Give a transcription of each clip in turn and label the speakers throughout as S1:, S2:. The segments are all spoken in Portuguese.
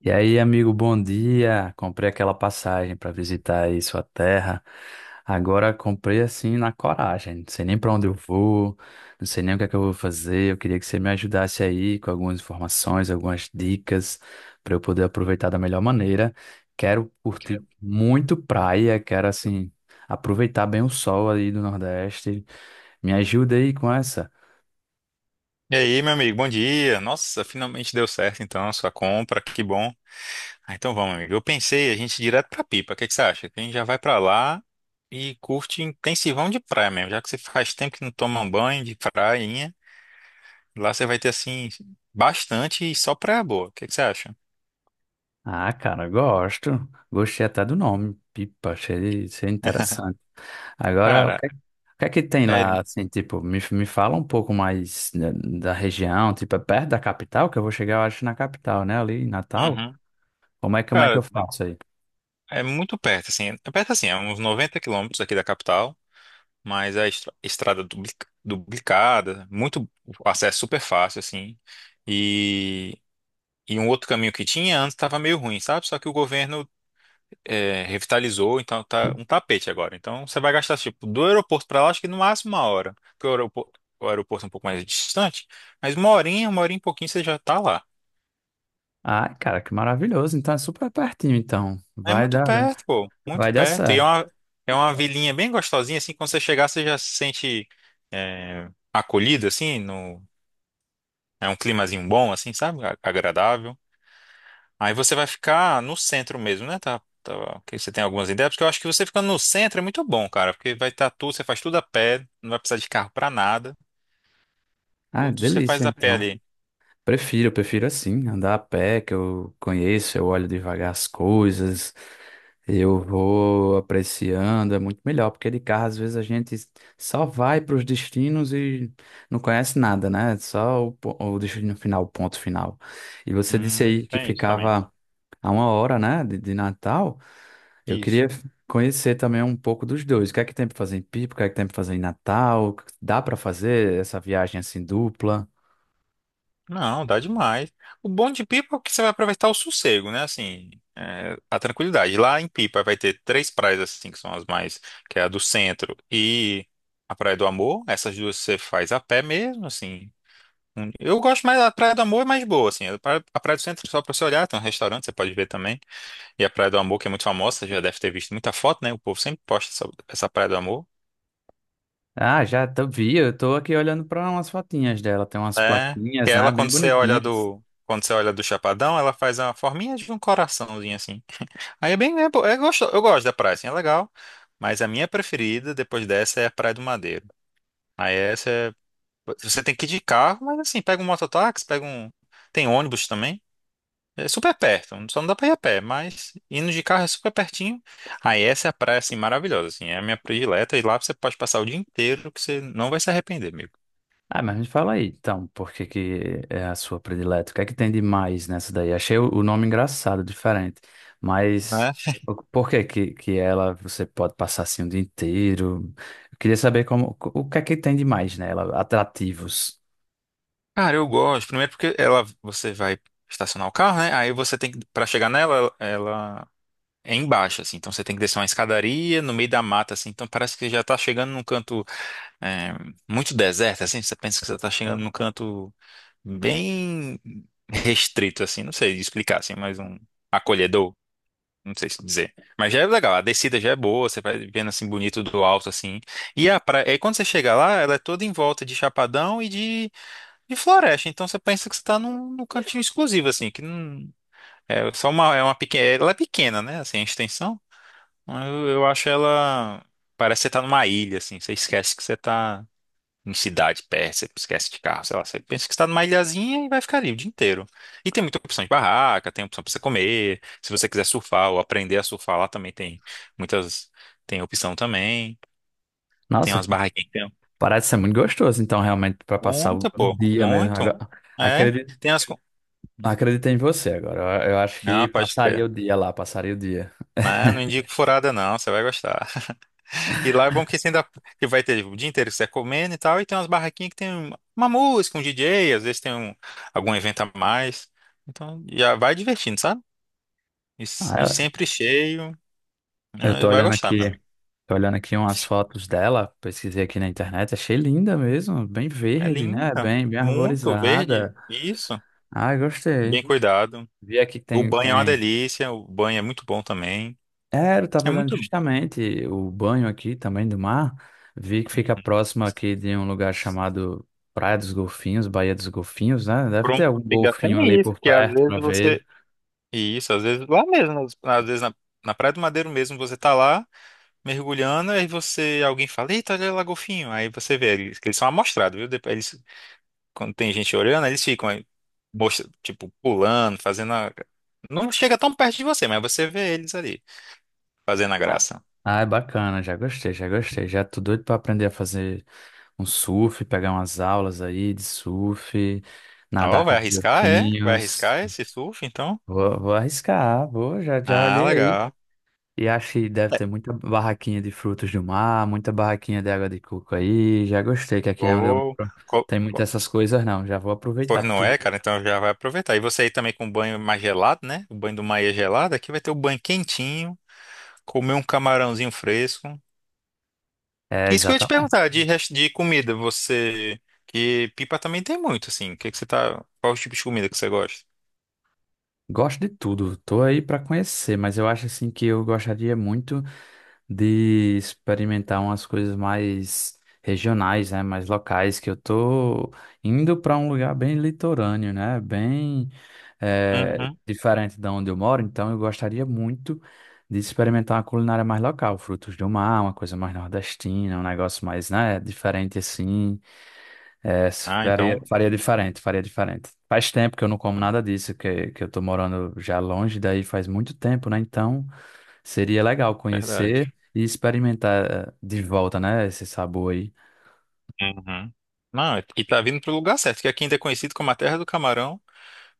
S1: E aí, amigo, bom dia. Comprei aquela passagem para visitar aí sua terra. Agora comprei assim na coragem. Não sei nem para onde eu vou, não sei nem o que é que eu vou fazer. Eu queria que você me ajudasse aí com algumas informações, algumas dicas para eu poder aproveitar da melhor maneira. Quero curtir muito praia, quero assim aproveitar bem o sol aí do Nordeste. Me ajuda aí com essa.
S2: E aí, meu amigo, bom dia. Nossa, finalmente deu certo então a sua compra, que bom. Ah, então vamos, amigo. Eu pensei a gente ir direto pra Pipa. O que é que você acha? Que a gente já vai pra lá e curte intensivão de praia mesmo, já que você faz tempo que não toma um banho de prainha. Lá você vai ter assim bastante e só praia boa. O que é que você acha?
S1: Ah, cara, gosto. Gostei até do nome. Pipa, achei interessante. Agora,
S2: Cara,
S1: o que é que tem lá,
S2: é,
S1: assim, tipo, me fala um pouco mais da, da região, tipo, é perto da capital, que eu vou chegar, eu acho, na capital, né, ali em Natal.
S2: Uhum.
S1: Como é, como é que
S2: Cara,
S1: eu faço aí?
S2: é muito perto assim. É perto assim, é uns 90 quilômetros aqui da capital. Mas a estrada duplicada, muito o acesso super fácil, assim. E, e um outro caminho que tinha antes estava meio ruim, sabe? Só que o governo revitalizou, então tá um tapete agora. Então você vai gastar, tipo, do aeroporto para lá, acho que no máximo uma hora. Porque o aeroporto é um pouco mais distante, mas uma horinha e pouquinho você já tá lá.
S1: Ah, cara, que maravilhoso, então é super pertinho, então,
S2: É
S1: vai
S2: muito
S1: dar, né?
S2: perto, pô, muito
S1: Vai dar
S2: perto.
S1: certo.
S2: É uma vilinha bem gostosinha, assim, quando você chegar, você já se sente. é, acolhido, assim, no, É um climazinho bom, assim, sabe? Agradável. Aí você vai ficar no centro mesmo, né? Tá, que você tem algumas ideias, porque eu acho que você ficando no centro é muito bom, cara, porque vai estar tudo, você faz tudo a pé, não vai precisar de carro pra nada,
S1: Ah,
S2: tudo você
S1: delícia,
S2: faz a pé
S1: então.
S2: ali.
S1: Prefiro, eu prefiro assim, andar a pé, que eu conheço, eu olho devagar as coisas, eu vou apreciando, é muito melhor, porque de carro às vezes a gente só vai para os destinos e não conhece nada, né? Só o, o destino final, o ponto final. E você disse aí que
S2: Tem isso também.
S1: ficava a uma hora, né, de Natal, eu
S2: Isso.
S1: queria conhecer também um pouco dos dois. O que é que tem para fazer em Pipa, o que é que tem para fazer em Natal? Dá para fazer essa viagem assim dupla?
S2: Não, dá demais. O bom de Pipa é que você vai aproveitar o sossego, né? Assim, a tranquilidade. Lá em Pipa vai ter 3 praias, assim, que são as mais, que é a do centro e a Praia do Amor. Essas duas você faz a pé mesmo, assim. Eu gosto mais, a Praia do Amor é mais boa, assim. A Praia do Centro, só pra você olhar, tem um restaurante, você pode ver também. E a Praia do Amor, que é muito famosa, você já deve ter visto muita foto, né? O povo sempre posta essa Praia do Amor.
S1: Ah, já tô, vi, eu tô aqui olhando para umas fotinhas dela, tem umas
S2: É. E
S1: plaquinhas, né,
S2: ela,
S1: bem bonitinhas.
S2: quando você olha do Chapadão, ela faz uma forminha de um coraçãozinho, assim. Aí é é gosto, eu gosto da praia, assim, é legal. Mas a minha preferida, depois dessa, é a Praia do Madeiro. Aí essa é, você tem que ir de carro, mas assim, pega um mototáxi, tem ônibus também. É super perto, só não dá pra ir a pé, mas indo de carro é super pertinho. Aí essa é a praia, assim, maravilhosa, assim, é a minha predileta, e lá você pode passar o dia inteiro que você não vai se arrepender, amigo,
S1: Ah, mas me fala aí, então, por que que é a sua predileta? O que é que tem de mais nessa daí? Achei o nome engraçado, diferente, mas
S2: né?
S1: por que que ela, você pode passar assim o dia inteiro? Eu queria saber como, o que é que tem de mais nela, atrativos.
S2: Cara, eu gosto, primeiro porque ela, você vai estacionar o carro, né? Aí você tem que, pra chegar nela, ela é embaixo, assim, então você tem que descer uma escadaria no meio da mata, assim, então parece que já tá chegando num canto é, muito deserto, assim, você pensa que você tá chegando num canto bem restrito, assim, não sei explicar, assim, mas um acolhedor. Não sei se dizer. Mas já é legal. A descida já é boa, você vai vendo assim bonito do alto, assim. E a praia, aí quando você chega lá, ela é toda em volta de chapadão de floresta. Então você pensa que você tá num cantinho exclusivo, assim, que não. É só uma. É uma pequena. Ela é pequena, né? Assim, a extensão. Eu acho ela. Parece que você tá numa ilha, assim. Você esquece que você tá em cidade perto, você esquece de carro, sei lá, você pensa que está numa ilhazinha e vai ficar ali o dia inteiro. E tem muita opção de barraca, tem opção para você comer, se você quiser surfar ou aprender a surfar lá também tem muitas, tem opção também, tem
S1: Nossa,
S2: umas barraquinhas. Que tem
S1: parece ser muito gostoso, então, realmente, para passar
S2: muita,
S1: o
S2: pô,
S1: dia mesmo.
S2: muito.
S1: Agora,
S2: É, tem as... co-
S1: acredito em você agora. Eu acho
S2: Não,
S1: que
S2: pode
S1: passaria o
S2: crer.
S1: dia lá, passaria o dia.
S2: Não, não indico furada não, você vai gostar. E lá é bom que você ainda que vai ter o dia inteiro que você tá comendo e tal, e tem umas barraquinhas que tem uma música, um DJ, às vezes tem um, algum evento a mais. Então já vai divertindo, sabe?
S1: Ah,
S2: E sempre cheio.
S1: eu
S2: Né? Vai gostar, meu amigo.
S1: tô olhando aqui umas fotos dela, pesquisei aqui na internet, achei linda mesmo, bem
S2: É
S1: verde, né?
S2: linda,
S1: Bem, bem
S2: muito verde,
S1: arborizada.
S2: isso,
S1: Ah, gostei.
S2: bem cuidado.
S1: Vi aqui que
S2: O
S1: tem,
S2: banho é uma
S1: tem.
S2: delícia, o banho é muito bom também.
S1: É, eu tava
S2: É
S1: olhando
S2: muito
S1: justamente o banho aqui também do mar. Vi que fica próximo aqui de um lugar chamado Praia dos Golfinhos, Baía dos Golfinhos, né? Deve ter
S2: Pronto.
S1: algum
S2: Ainda
S1: golfinho ali
S2: tem isso,
S1: por
S2: que às
S1: perto
S2: vezes
S1: pra ver.
S2: você. Isso, às vezes lá mesmo, às vezes na Praia do Madeiro mesmo, você tá lá. Mergulhando, aí você, alguém fala, eita, olha lá, golfinho. Aí você vê, eles, que eles são amostrados, viu? Depois, eles, quando tem gente olhando, eles ficam aí, tipo, pulando, fazendo a... Não chega tão perto de você, mas você vê eles ali, fazendo a
S1: Ah,
S2: graça.
S1: ah, é bacana, já gostei, já gostei. Já tô doido pra aprender a fazer um surf, pegar umas aulas aí de surf,
S2: Ó,
S1: nadar com
S2: vai arriscar, é? Vai
S1: golfinhos.
S2: arriscar esse surf, então?
S1: Vou, vou arriscar, vou, já, já
S2: Ah,
S1: olhei aí.
S2: legal.
S1: E acho que deve
S2: É.
S1: ter muita barraquinha de frutos do mar, muita barraquinha de água de coco aí. Já gostei, que aqui é onde eu
S2: Vou-
S1: moro
S2: co-
S1: tem
S2: co-
S1: muitas essas coisas, não. Já vou aproveitar
S2: Pois não é,
S1: tudo.
S2: cara, então já vai aproveitar. E você aí também com o banho mais gelado, né? O banho do mar é gelado, aqui vai ter o banho quentinho, comer um camarãozinho fresco.
S1: É,
S2: Isso que eu ia te
S1: exatamente.
S2: perguntar, de comida, você. Que pipa também tem muito, assim. O que que você tá. Qual o tipo de comida que você gosta?
S1: Gosto de tudo, tô aí pra conhecer, mas eu acho assim que eu gostaria muito de experimentar umas coisas mais regionais, né, mais locais, que eu tô indo para um lugar bem litorâneo, né, bem
S2: Uhum.
S1: diferente da onde eu moro, então eu gostaria muito de experimentar uma culinária mais local, frutos do mar, uma coisa mais nordestina, um negócio mais, né, diferente assim, eh,
S2: Ah,
S1: faria,
S2: então.
S1: faria diferente, faria diferente. Faz tempo que eu não como nada disso, que eu tô morando já longe daí faz muito tempo, né, então... Seria legal
S2: Verdade.
S1: conhecer e experimentar de volta, né? Esse sabor aí.
S2: Uhum. Não, é, e tá vindo pro lugar certo, que aqui ainda é conhecido como a terra do camarão.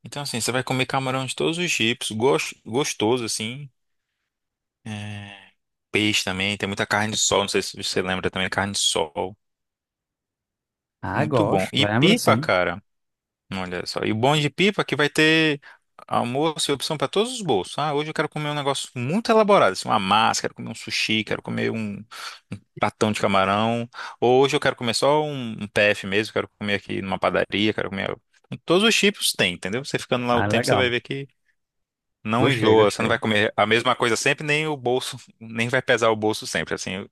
S2: Então, assim, você vai comer camarão de todos os tipos, gostoso, assim. É, peixe também, tem muita carne de sol, não sei se você lembra também, carne de sol.
S1: Ah,
S2: Muito bom.
S1: gosto,
S2: E
S1: lembro
S2: pipa,
S1: sim.
S2: cara. Olha só. E o bom de pipa é que vai ter almoço e opção para todos os bolsos. Ah, hoje eu quero comer um negócio muito elaborado, assim, uma massa, quero comer um sushi, quero comer um pratão de camarão. Ou hoje eu quero comer só um PF mesmo, quero comer aqui numa padaria, quero comer. Todos os tipos tem, entendeu? Você ficando lá o
S1: Ah,
S2: tempo, você
S1: legal.
S2: vai ver que não
S1: Gostei,
S2: enjoa, você não vai
S1: gostei.
S2: comer a mesma coisa sempre, nem o bolso, nem vai pesar o bolso sempre. Assim,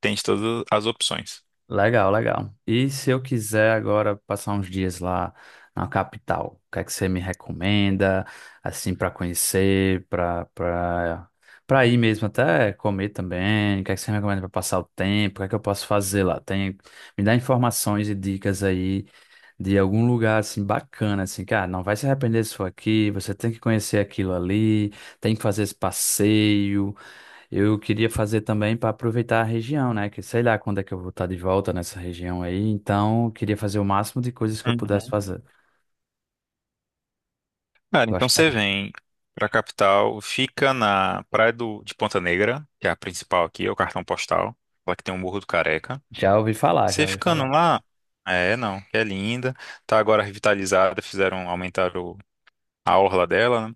S2: tem de todas as opções.
S1: Legal, legal. E se eu quiser agora passar uns dias lá na capital, o que é que você me recomenda, assim, para conhecer, para para ir mesmo até comer também? O que é que você me recomenda para passar o tempo? O que é que eu posso fazer lá? Tem, me dá informações e dicas aí de algum lugar assim bacana, assim, cara, não vai se arrepender se for aqui, você tem que conhecer aquilo ali, tem que fazer esse passeio. Eu queria fazer também para aproveitar a região, né? Que sei lá quando é que eu vou estar de volta nessa região aí, então eu queria fazer o máximo de coisas que eu pudesse fazer.
S2: Cara, então você
S1: Gostaria.
S2: vem pra capital, fica na de Ponta Negra, que é a principal aqui, é o cartão postal, lá que tem o Morro do Careca.
S1: Já ouvi falar, já
S2: Você
S1: ouvi
S2: ficando
S1: falar.
S2: lá, é, não, que é linda, tá agora revitalizada, fizeram, aumentaram a orla dela, né?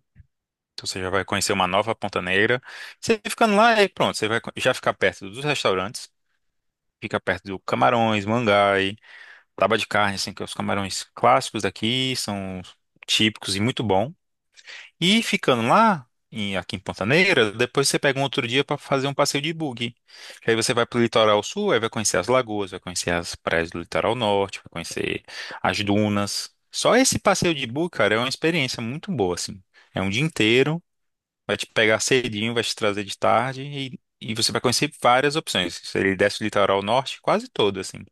S2: Então você já vai conhecer uma nova Ponta Negra. Você ficando lá, aí pronto, já ficar perto dos restaurantes, fica perto do Camarões, Mangai, Taba de Carne, assim, que é os camarões clássicos daqui, são típicos e muito bom. E ficando lá, aqui em Pantaneira, depois você pega um outro dia para fazer um passeio de buggy. Que aí você vai pro litoral sul, aí vai conhecer as lagoas, vai conhecer as praias do litoral norte, vai conhecer as dunas. Só esse passeio de buggy, cara, é uma experiência muito boa, assim. É um dia inteiro, vai te pegar cedinho, vai te trazer de tarde e você vai conhecer várias opções. Ele desce o litoral norte quase todo, assim.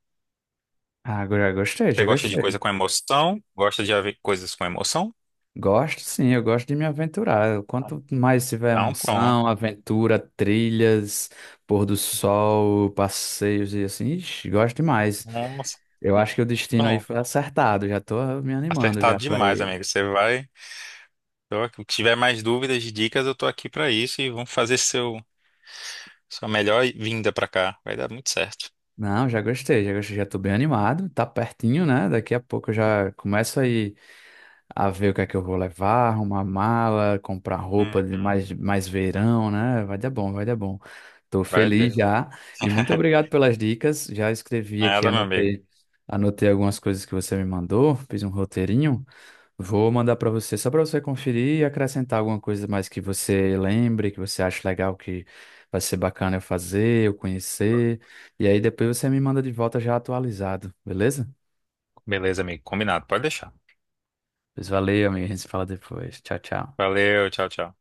S1: Ah, já gostei,
S2: Você
S1: já
S2: gosta de
S1: gostei.
S2: coisa com emoção? Gosta de coisas com emoção?
S1: Gosto sim, eu gosto de me aventurar. Quanto mais tiver
S2: Então pronto.
S1: emoção, aventura, trilhas, pôr do sol, passeios e assim, ixi, gosto demais.
S2: Nossa,
S1: Eu acho que o destino aí
S2: pronto.
S1: foi acertado. Já tô me animando
S2: Acertado
S1: já pra
S2: demais,
S1: ir.
S2: amigo. Você vai. Então, se tiver mais dúvidas, dicas, eu tô aqui pra isso e vamos fazer seu sua melhor vinda pra cá. Vai dar muito certo.
S1: Não, já gostei, já gostei, já tô bem animado. Tá pertinho, né? Daqui a pouco eu já começo aí a ver o que é que eu vou levar, arrumar mala, comprar roupa de
S2: Uhum.
S1: mais, mais verão, né? Vai dar bom, vai dar bom. Tô
S2: Vai
S1: feliz
S2: dar.
S1: já. E muito obrigado pelas dicas. Já escrevi aqui,
S2: Nada, meu amigo.
S1: anotei, anotei algumas coisas que você me mandou, fiz um roteirinho. Vou mandar para você só para você conferir e acrescentar alguma coisa mais que você lembre, que você acha legal, que vai ser bacana eu fazer, eu conhecer. E aí depois você me manda de volta já atualizado, beleza?
S2: Beleza, amigo. Combinado. Pode deixar.
S1: Pois valeu, amigo. A gente se fala depois. Tchau, tchau.
S2: Valeu, tchau, tchau.